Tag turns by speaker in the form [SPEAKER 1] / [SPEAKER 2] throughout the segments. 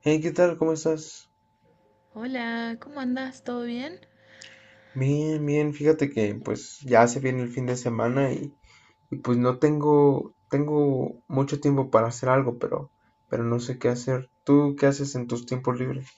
[SPEAKER 1] Hey, ¿qué tal? ¿Cómo estás?
[SPEAKER 2] Hola, ¿cómo andás? ¿Todo bien?
[SPEAKER 1] Bien, bien. Fíjate que pues ya se viene el fin de semana y, pues no tengo mucho tiempo para hacer algo, pero no sé qué hacer. ¿Tú qué haces en tus tiempos libres?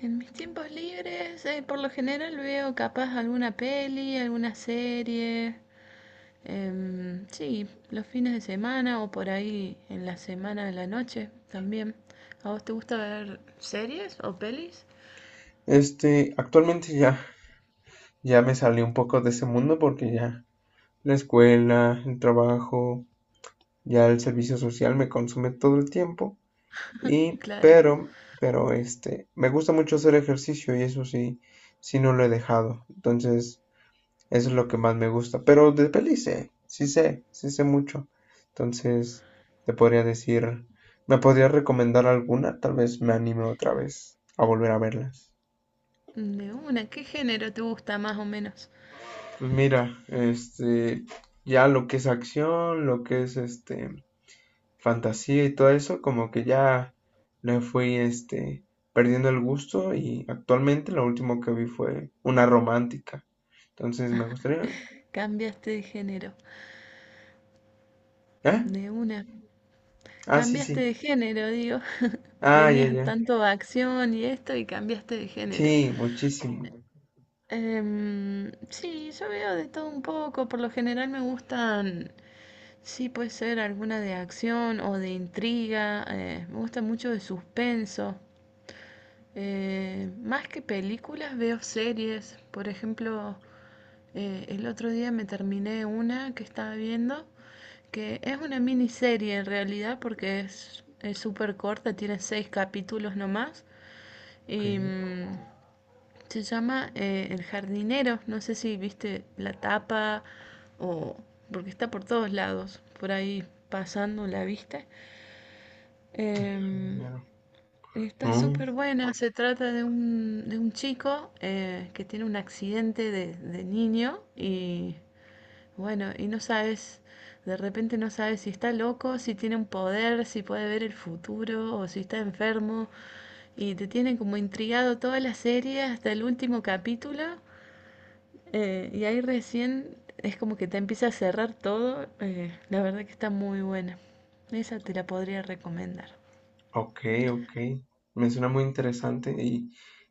[SPEAKER 2] En mis tiempos libres, por lo general veo capaz alguna peli, alguna serie. Sí, los fines de semana o por ahí en la semana de la noche también. ¿A vos te gusta ver series o pelis?
[SPEAKER 1] Este, actualmente ya me salí un poco de ese mundo porque ya la escuela, el trabajo, ya el servicio social me consume todo el tiempo y
[SPEAKER 2] Claro.
[SPEAKER 1] pero este, me gusta mucho hacer ejercicio y eso sí, sí no lo he dejado. Entonces eso es lo que más me gusta. Pero de peli sé, sí sé, sí sé mucho. Entonces, te podría decir, ¿me podrías recomendar alguna? Tal vez me anime otra vez a volver a verlas.
[SPEAKER 2] De una, ¿qué género te gusta más o menos?
[SPEAKER 1] Pues mira, este, ya lo que es acción, lo que es este, fantasía y todo eso, como que ya le fui este, perdiendo el gusto y actualmente lo último que vi fue una romántica. Entonces me gustaría...
[SPEAKER 2] Cambiaste de género.
[SPEAKER 1] ¿Eh?
[SPEAKER 2] De una.
[SPEAKER 1] Ah, sí,
[SPEAKER 2] Cambiaste de
[SPEAKER 1] sí.
[SPEAKER 2] género, digo.
[SPEAKER 1] Ah, ya,
[SPEAKER 2] Venías
[SPEAKER 1] ya.
[SPEAKER 2] tanto a acción y esto y cambiaste de género.
[SPEAKER 1] Sí, muchísimo.
[SPEAKER 2] Sí, yo veo de todo un poco. Por lo general me gustan, sí, puede ser alguna de acción o de intriga. Me gusta mucho de suspenso. Más que películas, veo series. Por ejemplo, el otro día me terminé una que estaba viendo, que es una miniserie en realidad, porque es súper corta, tiene seis capítulos nomás.
[SPEAKER 1] Ok,
[SPEAKER 2] Y. mm, se llama El jardinero. No sé si viste la tapa o... porque está por todos lados, por ahí pasando, ¿la viste? Em,
[SPEAKER 1] claro.
[SPEAKER 2] y está
[SPEAKER 1] Mm,
[SPEAKER 2] súper buena. Se trata de un chico que tiene un accidente de niño y bueno, y no sabes, de repente no sabes si está loco, si tiene un poder, si puede ver el futuro o si está enfermo. Y te tienen como intrigado toda la serie hasta el último capítulo. Y ahí recién es como que te empieza a cerrar todo. La verdad que está muy buena. Esa te la podría recomendar.
[SPEAKER 1] ok, ok. Me suena muy interesante.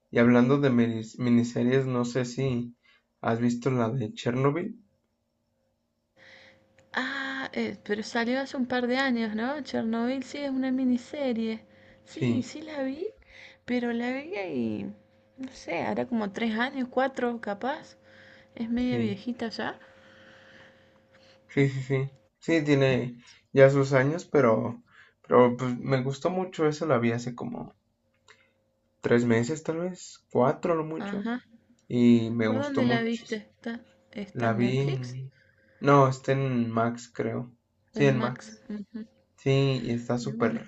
[SPEAKER 1] Y hablando de minis- miniseries, no sé si has visto la de Chernobyl.
[SPEAKER 2] Ah, pero salió hace un par de años, ¿no? Chernobyl sí es una miniserie. Sí,
[SPEAKER 1] Sí,
[SPEAKER 2] sí la vi, pero la vi y no sé, hará como 3 años, cuatro capaz. Es media
[SPEAKER 1] sí,
[SPEAKER 2] viejita ya.
[SPEAKER 1] sí, sí, sí. Sí, tiene ya sus años, pero pues, me gustó mucho. Esa la vi hace como tres meses, tal vez, cuatro, no mucho.
[SPEAKER 2] Ajá.
[SPEAKER 1] Y me
[SPEAKER 2] ¿Por
[SPEAKER 1] gustó
[SPEAKER 2] dónde la viste?
[SPEAKER 1] muchísimo.
[SPEAKER 2] ¿Está
[SPEAKER 1] La
[SPEAKER 2] en
[SPEAKER 1] vi
[SPEAKER 2] Netflix?
[SPEAKER 1] en... No, está en Max, creo. Sí,
[SPEAKER 2] En
[SPEAKER 1] en
[SPEAKER 2] Max.
[SPEAKER 1] Max.
[SPEAKER 2] Ujú.
[SPEAKER 1] Sí, y está
[SPEAKER 2] De una.
[SPEAKER 1] súper.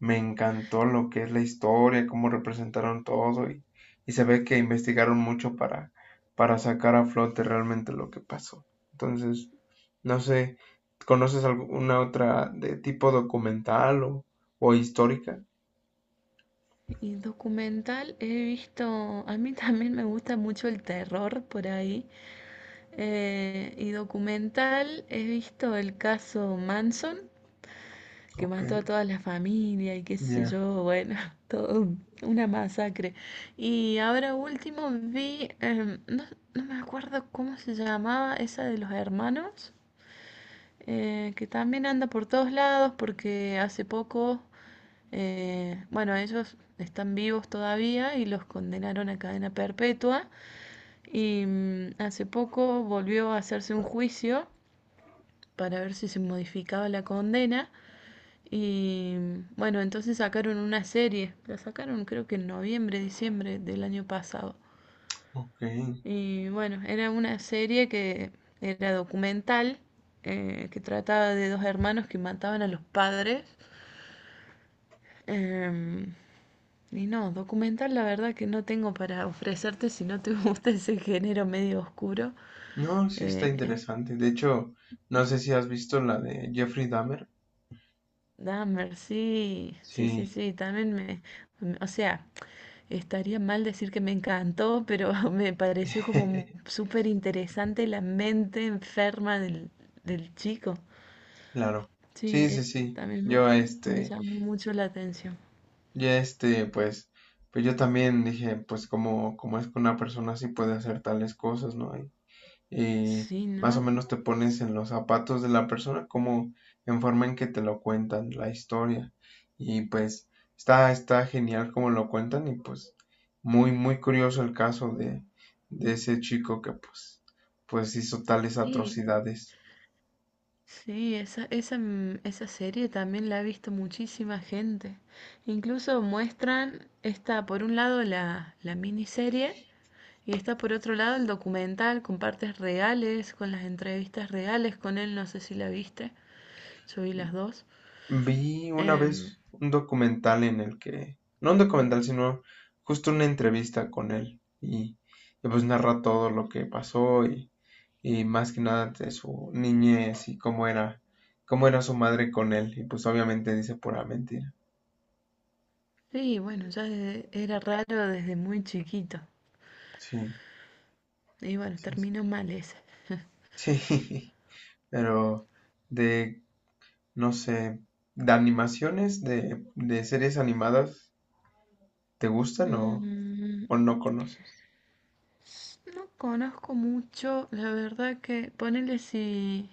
[SPEAKER 1] Me encantó lo que es la historia, cómo representaron todo y se ve que investigaron mucho para sacar a flote realmente lo que pasó. Entonces, no sé, ¿conoces alguna otra de tipo documental o histórica?
[SPEAKER 2] Y documental he visto, a mí también me gusta mucho el terror por ahí. Y documental he visto el caso Manson, que
[SPEAKER 1] Ok,
[SPEAKER 2] mató a toda la familia y qué sé
[SPEAKER 1] ya,
[SPEAKER 2] yo, bueno, todo una masacre. Y ahora último vi, no, no me acuerdo cómo se llamaba esa de los hermanos que también anda por todos lados porque hace poco, bueno, ellos están vivos todavía y los condenaron a cadena perpetua y hace poco volvió a hacerse un juicio para ver si se modificaba la condena y bueno, entonces sacaron una serie, la sacaron creo que en noviembre, diciembre del año pasado.
[SPEAKER 1] ok.
[SPEAKER 2] Y bueno, era una serie que era documental, que trataba de dos hermanos que mataban a los padres. Em, y no, documental la verdad que no tengo para ofrecerte si no te gusta ese género medio oscuro.
[SPEAKER 1] No, sí está
[SPEAKER 2] Eh,
[SPEAKER 1] interesante. De hecho, no sé si has visto la de Jeffrey Dahmer.
[SPEAKER 2] Dahmer, sí, sí, sí,
[SPEAKER 1] Sí,
[SPEAKER 2] sí, también o sea, estaría mal decir que me encantó, pero me pareció como súper interesante la mente enferma del chico.
[SPEAKER 1] claro.
[SPEAKER 2] Sí,
[SPEAKER 1] Sí, sí,
[SPEAKER 2] esa
[SPEAKER 1] sí.
[SPEAKER 2] también me,
[SPEAKER 1] Yo,
[SPEAKER 2] me
[SPEAKER 1] este.
[SPEAKER 2] llamó mucho la atención.
[SPEAKER 1] Y este, pues, pues yo también dije, pues como, como es que una persona así puede hacer tales cosas, ¿no? Y
[SPEAKER 2] Sí,
[SPEAKER 1] más o
[SPEAKER 2] ¿no?
[SPEAKER 1] menos te pones en los zapatos de la persona, como en forma en que te lo cuentan, la historia. Y pues está, está genial como lo cuentan y pues muy, muy curioso el caso de ese chico que pues, pues hizo tales
[SPEAKER 2] Sí,
[SPEAKER 1] atrocidades.
[SPEAKER 2] sí, esa serie también la ha visto muchísima gente. Incluso muestran, está por un lado la, la miniserie y está por otro lado el documental con partes reales, con las entrevistas reales con él, no sé si la viste, yo vi las dos.
[SPEAKER 1] Vi una
[SPEAKER 2] Em,
[SPEAKER 1] vez un documental en el que, no un documental, sino justo una entrevista con él y, pues narra todo lo que pasó y más que nada de su niñez y cómo era su madre con él y pues obviamente dice pura mentira.
[SPEAKER 2] sí, bueno, ya era raro desde muy chiquito.
[SPEAKER 1] Sí,
[SPEAKER 2] Y bueno,
[SPEAKER 1] sí, sí,
[SPEAKER 2] terminó mal ese.
[SPEAKER 1] sí, pero de, no sé, de animaciones, de series animadas, ¿te gustan
[SPEAKER 2] Mm,
[SPEAKER 1] o no conoces?
[SPEAKER 2] No conozco mucho, la verdad que ponele si,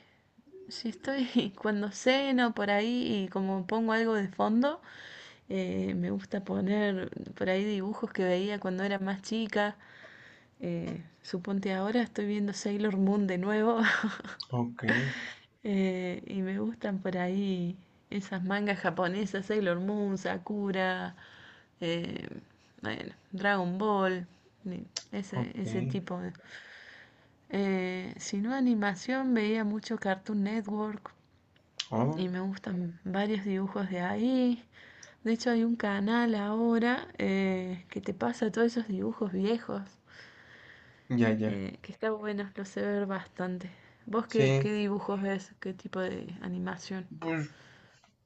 [SPEAKER 2] si estoy cuando ceno por ahí y como pongo algo de fondo, me gusta poner por ahí dibujos que veía cuando era más chica. Suponte ahora estoy viendo Sailor Moon de nuevo
[SPEAKER 1] Ok,
[SPEAKER 2] y me gustan por ahí esas mangas japonesas, Sailor Moon, Sakura, eh, bueno, Dragon Ball, ese,
[SPEAKER 1] ok,
[SPEAKER 2] ese tipo. Si no animación, veía mucho Cartoon Network
[SPEAKER 1] oh,
[SPEAKER 2] y me gustan varios dibujos de ahí. De hecho, hay un canal ahora que te pasa todos esos dibujos viejos,
[SPEAKER 1] ya, ya.
[SPEAKER 2] que está bueno, lo sé ver bastante. ¿Vos qué,
[SPEAKER 1] Sí,
[SPEAKER 2] qué dibujos ves? ¿Qué tipo de animación?
[SPEAKER 1] pues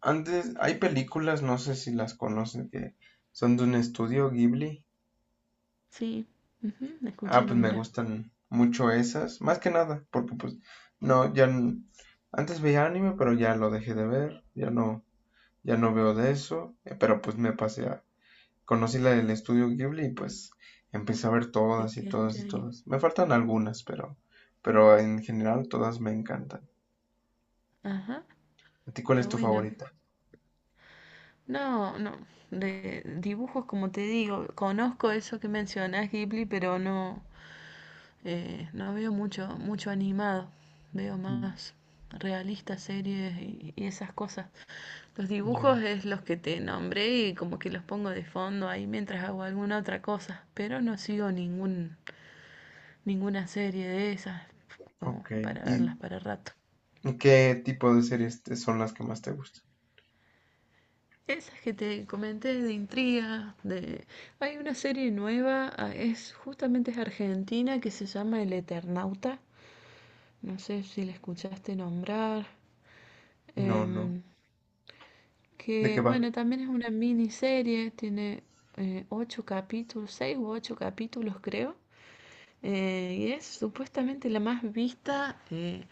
[SPEAKER 1] antes hay películas, no sé si las conocen, que son de un estudio Ghibli.
[SPEAKER 2] Sí, ujú, me escuché
[SPEAKER 1] Ah, pues me
[SPEAKER 2] nombrar.
[SPEAKER 1] gustan mucho esas, más que nada, porque pues no, ya n- antes veía anime, pero ya lo dejé de ver, ya no, ya no veo de eso, pero pues me pasé a, conocí la del estudio Ghibli y pues empecé a ver
[SPEAKER 2] Te
[SPEAKER 1] todas y todas
[SPEAKER 2] quedaste
[SPEAKER 1] y
[SPEAKER 2] ahí.
[SPEAKER 1] todas. Me faltan algunas, pero en general todas me encantan.
[SPEAKER 2] Ajá,
[SPEAKER 1] ¿A ti cuál
[SPEAKER 2] está
[SPEAKER 1] es tu
[SPEAKER 2] bueno.
[SPEAKER 1] favorita?
[SPEAKER 2] No, no, de dibujos como te digo, conozco eso que mencionás, Ghibli, pero no, no veo mucho, mucho animado, veo
[SPEAKER 1] Mm.
[SPEAKER 2] más realistas, series y esas cosas. Los
[SPEAKER 1] Ya,
[SPEAKER 2] dibujos es los que te nombré y como que los pongo de fondo ahí mientras hago alguna otra cosa, pero no sigo ninguna serie de esas como
[SPEAKER 1] ok.
[SPEAKER 2] para
[SPEAKER 1] ¿Y
[SPEAKER 2] verlas para rato.
[SPEAKER 1] qué tipo de series te- son las que más te gustan?
[SPEAKER 2] Esas que te comenté de intriga, hay una serie nueva, ah, es justamente es argentina que se llama El Eternauta, no sé si la escuchaste nombrar.
[SPEAKER 1] No, no.
[SPEAKER 2] Em,
[SPEAKER 1] ¿De qué
[SPEAKER 2] que
[SPEAKER 1] va?
[SPEAKER 2] bueno, también es una miniserie, tiene ocho capítulos, seis u ocho capítulos creo, y es supuestamente la más vista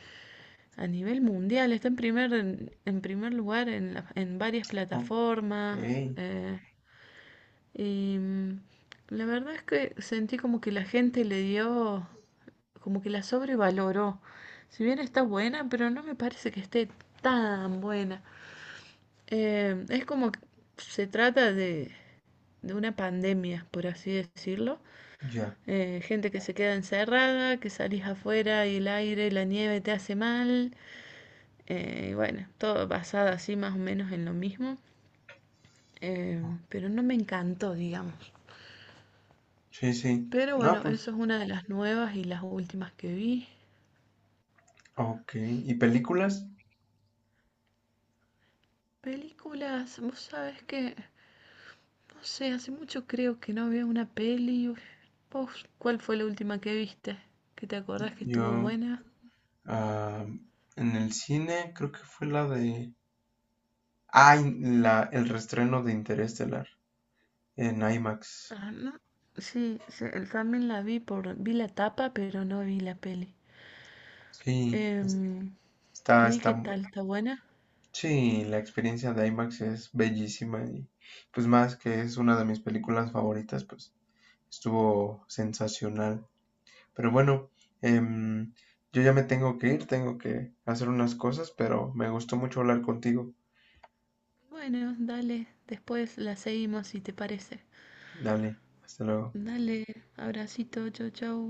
[SPEAKER 2] a nivel mundial, está en primer lugar en varias
[SPEAKER 1] Ok,
[SPEAKER 2] plataformas, eh, y la verdad es que sentí como que la gente le dio, como que la sobrevaloró, si bien está buena, pero no me parece que esté tan buena. Es como que se trata de una pandemia, por así decirlo.
[SPEAKER 1] ya.
[SPEAKER 2] Gente que se queda encerrada, que salís afuera y el aire, la nieve te hace mal. Y bueno, todo basado así más o menos en lo mismo. Pero no me encantó, digamos.
[SPEAKER 1] Sí, sí.
[SPEAKER 2] Pero
[SPEAKER 1] Ah,
[SPEAKER 2] bueno,
[SPEAKER 1] pues.
[SPEAKER 2] eso es una de las nuevas y las últimas que vi.
[SPEAKER 1] Ok. ¿Y películas?
[SPEAKER 2] Películas, vos sabés que, no sé, hace mucho creo que no veo una peli. Uf, ¿Vos cuál fue la última que viste? ¿Que te acordás que estuvo
[SPEAKER 1] Yo,
[SPEAKER 2] buena?
[SPEAKER 1] ah, en el cine creo que fue la de... Ah, y la, el reestreno de Interestelar en IMAX.
[SPEAKER 2] Ah, no. Sí, también la vi por, vi la tapa, pero no vi la peli.
[SPEAKER 1] Sí, es-
[SPEAKER 2] Em,
[SPEAKER 1] está,
[SPEAKER 2] ¿Y qué
[SPEAKER 1] está...
[SPEAKER 2] tal? ¿Está buena?
[SPEAKER 1] Sí, la experiencia de IMAX es bellísima y pues más que es una de mis películas favoritas, pues estuvo sensacional. Pero bueno, em, yo ya me tengo que ir, tengo que hacer unas cosas, pero me gustó mucho hablar contigo.
[SPEAKER 2] Bueno, dale, después la seguimos si te parece.
[SPEAKER 1] Dale, hasta luego.
[SPEAKER 2] Dale, abracito, chau, chau.